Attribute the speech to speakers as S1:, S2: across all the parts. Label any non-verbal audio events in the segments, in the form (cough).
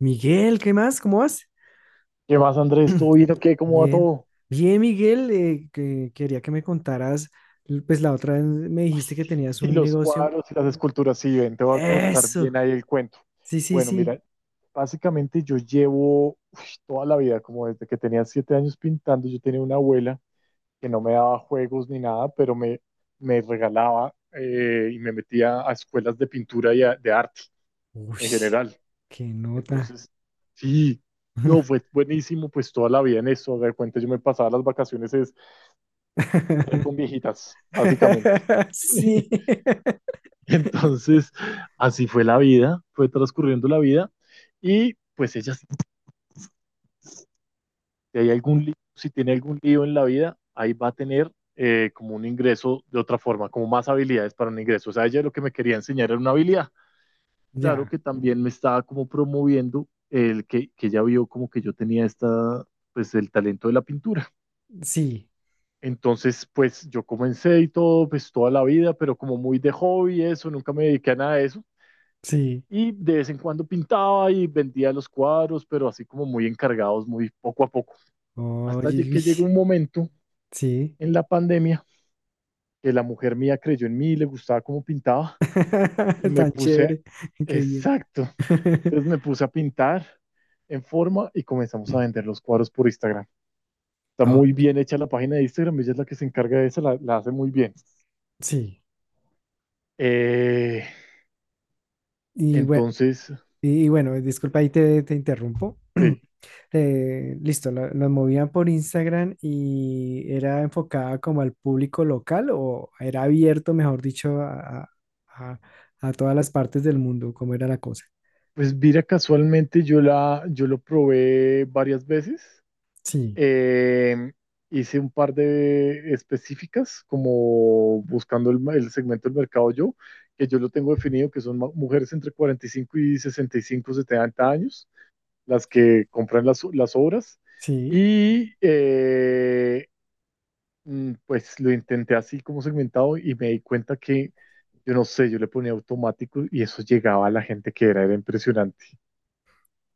S1: Miguel, ¿qué más? ¿Cómo vas?
S2: ¿Qué más, Andrés? ¿Todo bien o qué? ¿Cómo va
S1: Bien.
S2: todo?
S1: Bien, Miguel, que quería que me contaras, pues la otra vez me
S2: Ay,
S1: dijiste que
S2: sí,
S1: tenías
S2: sí,
S1: un
S2: los
S1: negocio.
S2: cuadros y las esculturas, sí, ven, te voy a contar bien
S1: Eso.
S2: ahí el cuento.
S1: Sí, sí,
S2: Bueno,
S1: sí.
S2: mira, básicamente yo llevo uy, toda la vida, como desde que tenía siete años pintando. Yo tenía una abuela que no me daba juegos ni nada, pero me regalaba y me metía a escuelas de pintura y de arte
S1: Uy,
S2: en general.
S1: qué nota.
S2: Entonces, sí, no, fue buenísimo, pues toda la vida en eso, de cuenta yo me pasaba las vacaciones, era con
S1: (laughs)
S2: viejitas, básicamente.
S1: Sí.
S2: (laughs) (laughs) Entonces, así fue la vida, fue transcurriendo la vida y pues ella, si hay algún lío, si tiene algún lío en la vida, ahí va a tener como un ingreso de otra forma, como más habilidades para un ingreso. O sea, ella lo que me quería enseñar era una habilidad. Claro
S1: Ya,
S2: que también me estaba como promoviendo el que ella vio como que yo tenía esta, pues el talento de la pintura.
S1: sí,
S2: Entonces, pues yo comencé y todo, pues toda la vida, pero como muy de hobby, eso, nunca me dediqué a nada de eso.
S1: sí.
S2: Y de vez en cuando pintaba y vendía los cuadros, pero así como muy encargados, muy poco a poco. Hasta
S1: Oye, uy,
S2: que llegó un momento
S1: sí.
S2: en la pandemia que la mujer mía creyó en mí, le gustaba cómo pintaba y
S1: (laughs)
S2: me
S1: Tan
S2: puse,
S1: chévere. Qué bien.
S2: exacto, entonces
S1: (laughs)
S2: me puse a pintar en forma y comenzamos a vender
S1: (clears throat)
S2: los cuadros por Instagram. Está
S1: Ah,
S2: muy bien hecha la página de Instagram, ella es la que se encarga de eso, la hace muy bien.
S1: sí.
S2: Eh,
S1: Y bueno,
S2: entonces,
S1: disculpa, ahí te interrumpo. (clears throat)
S2: sí,
S1: Listo, la movían por Instagram y era enfocada como al público local o era abierto, mejor dicho, a- a todas las partes del mundo, cómo era la cosa.
S2: pues mira, casualmente yo, la, yo lo probé varias veces.
S1: Sí,
S2: Eh, hice un par de específicas, como buscando el segmento del mercado yo, que yo lo tengo definido, que son mujeres entre 45 y 65, 70 años, las que compran las obras.
S1: sí.
S2: Y pues lo intenté así como segmentado y me di cuenta que, yo no sé, yo le ponía automático y eso llegaba a la gente que era, era impresionante.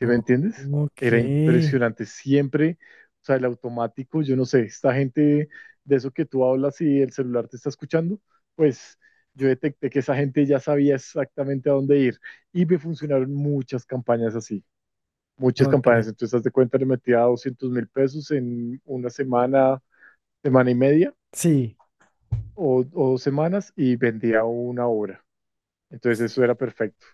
S2: ¿Sí me
S1: Oh,
S2: entiendes? Era
S1: ok,
S2: impresionante siempre, o sea, el automático, yo no sé, esta gente de eso que tú hablas y el celular te está escuchando, pues yo detecté que esa gente ya sabía exactamente a dónde ir y me funcionaron muchas campañas así, muchas campañas.
S1: ok.
S2: Entonces, haz de cuenta, le metía 200 mil pesos en una semana, semana y media
S1: Sí.
S2: o dos semanas y vendía una obra. Entonces, eso era perfecto.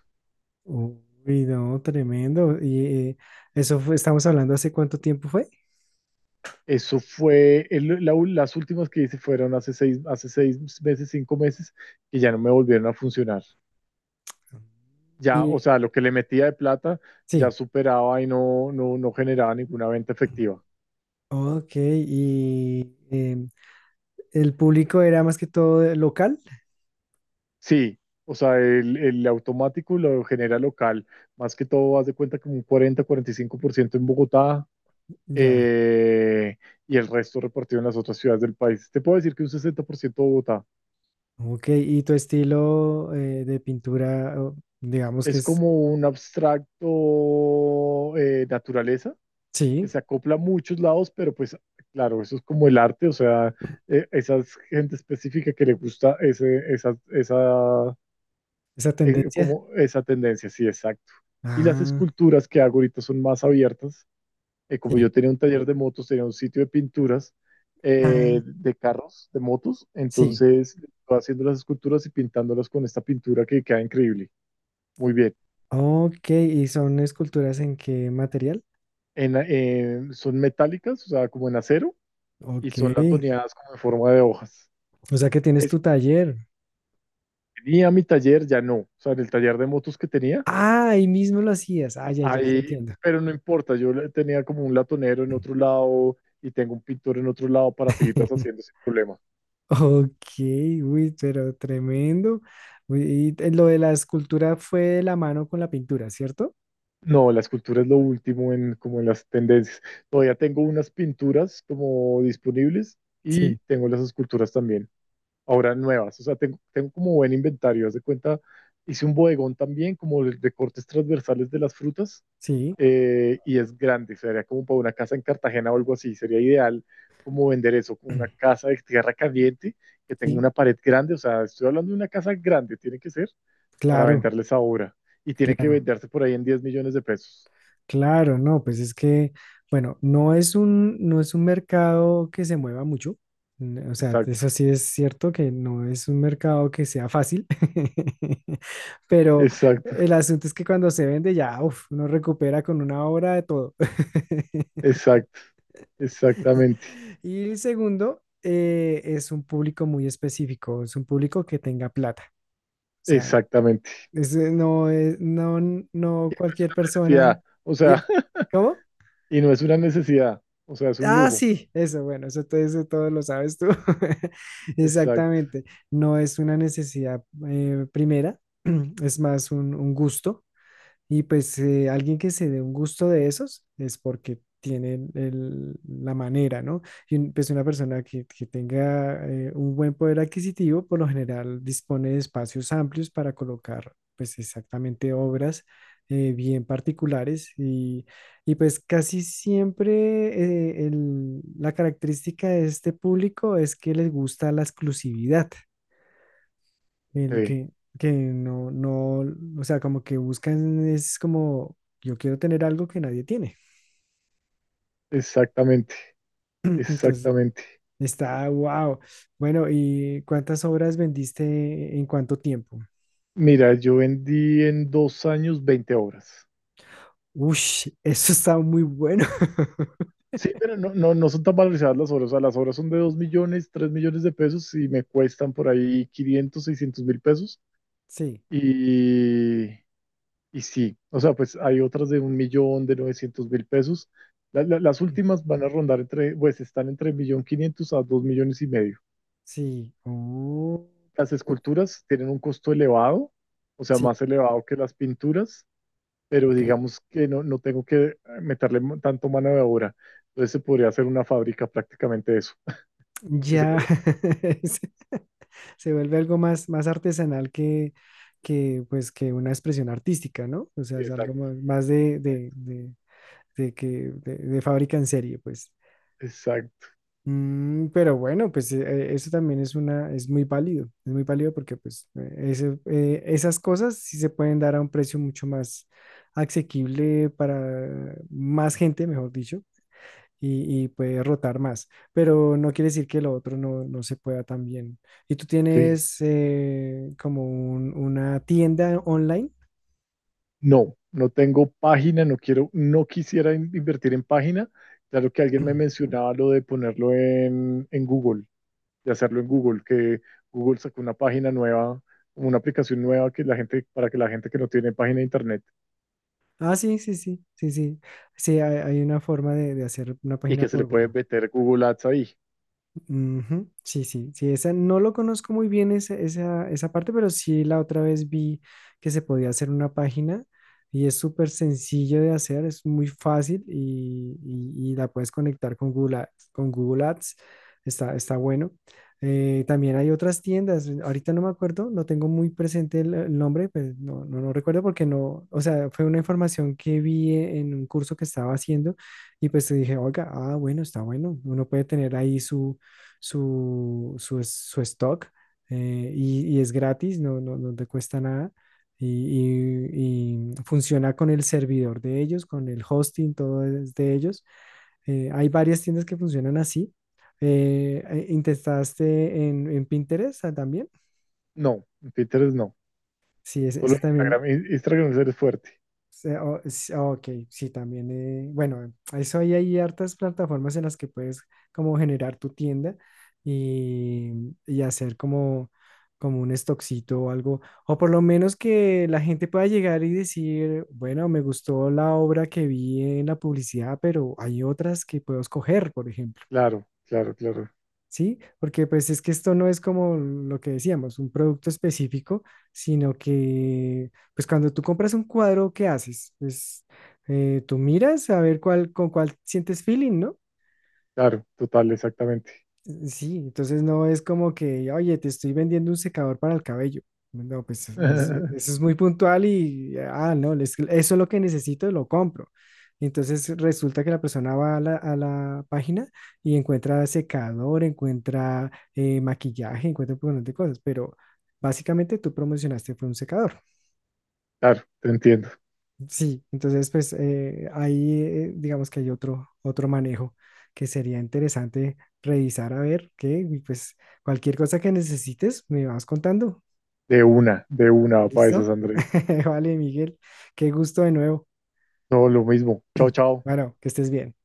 S1: Uy, no, tremendo. Y eso fue, estamos hablando hace cuánto tiempo fue.
S2: Eso fue, las últimas que hice fueron hace seis meses, cinco meses, y ya no me volvieron a funcionar. Ya, o
S1: Y
S2: sea, lo que le metía de plata ya
S1: sí.
S2: superaba y no, no, no generaba ninguna venta efectiva.
S1: Ok, y el público era más que todo local.
S2: Sí, o sea, el automático lo genera local. Más que todo, haz de cuenta como un cuarenta cuarenta y cinco por ciento en Bogotá
S1: Ya.
S2: eh, y el resto repartido en las otras ciudades del país. Te puedo decir que un 60% de Bogotá.
S1: Ok, y tu estilo de pintura, o digamos que
S2: Es
S1: es,
S2: como un abstracto naturaleza que
S1: sí,
S2: se acopla a muchos lados, pero pues claro, eso es como el arte, o sea, esa es gente específica que le gusta ese, esa,
S1: esa tendencia.
S2: como esa tendencia, sí, exacto. Y las
S1: Ah,
S2: esculturas que hago ahorita son más abiertas, como
S1: sí.
S2: yo tenía un taller de motos, tenía un sitio de pinturas
S1: Ah,
S2: de carros, de motos,
S1: sí.
S2: entonces estoy haciendo las esculturas y pintándolas con esta pintura que queda increíble, muy bien.
S1: Ok, ¿y son esculturas en qué material?
S2: Son metálicas, o sea, como en acero, y
S1: Ok,
S2: son latoneadas como en forma de hojas.
S1: o sea que tienes
S2: Es
S1: tu taller.
S2: tenía mi taller, ya no. O sea, en el taller de motos que tenía,
S1: Ah, ahí mismo lo hacías. Ah, ya, ya te
S2: ahí,
S1: entiendo.
S2: pero no importa, yo tenía como un latonero en otro lado y tengo un pintor en otro lado para seguirlas haciendo
S1: (laughs)
S2: sin problema.
S1: Ok, uy, pero tremendo. Uy, y lo de la escultura fue de la mano con la pintura, ¿cierto?
S2: No, la escultura es lo último en como en las tendencias. Todavía tengo unas pinturas como disponibles y
S1: Sí,
S2: tengo las esculturas también, ahora nuevas. O sea, tengo como buen inventario. Haz de cuenta, hice un bodegón también como de cortes transversales de las frutas
S1: sí,
S2: y es grande, sería como para una casa en Cartagena o algo así, sería ideal como vender eso, una
S1: (clears throat)
S2: casa de tierra caliente que tenga
S1: sí,
S2: una pared grande, o sea, estoy hablando de una casa grande, tiene que ser para
S1: claro,
S2: venderles ahora y tiene que
S1: claro.
S2: venderse por ahí en diez millones de pesos.
S1: Claro, no, pues es que, bueno, no es un mercado que se mueva mucho. O sea,
S2: Exacto,
S1: eso sí es cierto que no es un mercado que sea fácil, (laughs) pero
S2: exacto,
S1: el asunto es que cuando se vende ya, uf, uno recupera con una obra de todo. (laughs)
S2: exacto, exactamente,
S1: Y el segundo, es un público muy específico, es un público que tenga plata. O sea,
S2: exactamente.
S1: no es, no, no cualquier persona.
S2: Necesidad, o sea,
S1: di-
S2: (laughs)
S1: ¿Cómo?
S2: y no es una necesidad, o sea, es un
S1: Ah,
S2: lujo.
S1: sí, eso, bueno, eso, eso todo lo sabes tú. (laughs)
S2: Exacto,
S1: Exactamente. No es una necesidad primera, (clears throat) es más un gusto. Y pues alguien que se dé un gusto de esos es porque tienen la manera, ¿no? Y pues una persona que tenga un buen poder adquisitivo, por lo general dispone de espacios amplios para colocar pues exactamente obras bien particulares y pues casi siempre la característica de este público es que les gusta la exclusividad el
S2: sí,
S1: que, que no, no, o sea, como que buscan es como, yo quiero tener algo que nadie tiene.
S2: exactamente,
S1: (laughs) Entonces,
S2: exactamente.
S1: está, wow. Bueno, ¿y cuántas obras vendiste en cuánto tiempo?
S2: Mira, yo vendí en dos años 20 obras.
S1: Ush, (laughs) eso está muy bueno. (laughs)
S2: Sí, pero no, no, no son tan valorizadas las obras. O sea, las obras son de 2 millones, 3 millones de pesos y me cuestan por ahí 500, 600 mil pesos.
S1: Sí,
S2: Y, y sí, o sea, pues hay otras de un millón, de 900 mil pesos. Las últimas van a rondar entre, pues están entre un millón quinientos a 2 millones y medio.
S1: sí. Oh,
S2: Las
S1: o-
S2: esculturas tienen un costo elevado, o sea,
S1: sí,
S2: más elevado que las pinturas. Pero
S1: ok.
S2: digamos que no, no tengo que meterle tanto mano de obra. Entonces se podría hacer una fábrica prácticamente eso. Y se
S1: Ya
S2: logra-
S1: (laughs) se se vuelve algo más, más artesanal que, pues, que una expresión artística, ¿no? O sea, es algo
S2: Exacto,
S1: más, más de, de que de, fábrica en serie, pues.
S2: exacto.
S1: Mm, pero bueno, pues eso también es muy válido porque pues esas cosas sí se pueden dar a un precio mucho más asequible para más gente, mejor dicho, y puede rotar más, pero no quiere decir que lo otro no, no se pueda también. ¿Y tú
S2: Sí.
S1: tienes como una tienda online?
S2: No, no tengo página, no quiero, no quisiera invertir en página. Claro que alguien me
S1: (clears throat)
S2: mencionaba lo de ponerlo en Google, de hacerlo en Google, que Google sacó una página nueva, una aplicación nueva que la gente, para que la gente que no tiene página de internet
S1: Ah, sí, sí, sí, sí, sí. Sí, hay una forma de hacer una
S2: y
S1: página
S2: que se le
S1: por
S2: puede
S1: Google.
S2: meter Google Ads ahí.
S1: Ujú, sí, sí, sí, esa no lo conozco muy bien esa parte, pero sí la otra vez vi que se podía hacer una página y es súper sencillo de hacer, es muy fácil y la puedes conectar con Google Ads, está bueno. También hay otras tiendas, ahorita no me acuerdo, no tengo muy presente el nombre, pues no recuerdo porque no, o sea, fue una información que vi en un curso que estaba haciendo y pues dije, oiga, ah, bueno, está bueno, uno puede tener ahí su stock y es gratis, no, no te cuesta nada. Y, y y funciona con el servidor de ellos, con el hosting, todo es de ellos. Hay varias tiendas que funcionan así. ¿Intentaste en Pinterest ah, también?
S2: No, en Pinterest no.
S1: Sí,
S2: Solo
S1: ese también.
S2: Instagram, Instagram es el fuerte.
S1: Ok, sí, también. Bueno, eso ahí hay hartas plataformas en las que puedes como generar tu tienda y hacer como un stockcito o algo. O por lo menos que la gente pueda llegar y decir, bueno, me gustó la obra que vi en la publicidad, pero hay otras que puedo escoger, por ejemplo.
S2: Claro,
S1: ¿Sí? Porque pues es que esto no es como lo que decíamos, un producto específico, sino que pues cuando tú compras un cuadro, ¿qué haces? Pues tú miras a ver cuál, con cuál sientes feeling, ¿no?
S2: claro, total, exactamente.
S1: Sí, entonces no es como que, oye, te estoy vendiendo un secador para el cabello. No, pues eso
S2: (laughs)
S1: es muy puntual y, ah, no, eso es lo que necesito, lo compro. Entonces resulta que la persona va a a la página y encuentra secador, encuentra maquillaje, encuentra un montón de cosas, pero básicamente tú promocionaste fue un secador.
S2: Claro, te entiendo.
S1: Sí, entonces pues ahí digamos que hay otro manejo que sería interesante revisar a ver qué, y pues cualquier cosa que necesites me vas contando.
S2: De una, para esas,
S1: ¿Listo?
S2: Andrés.
S1: (laughs) Vale, Miguel, qué gusto de nuevo.
S2: Todo lo mismo. Chao, chao.
S1: Bueno, que estés bien.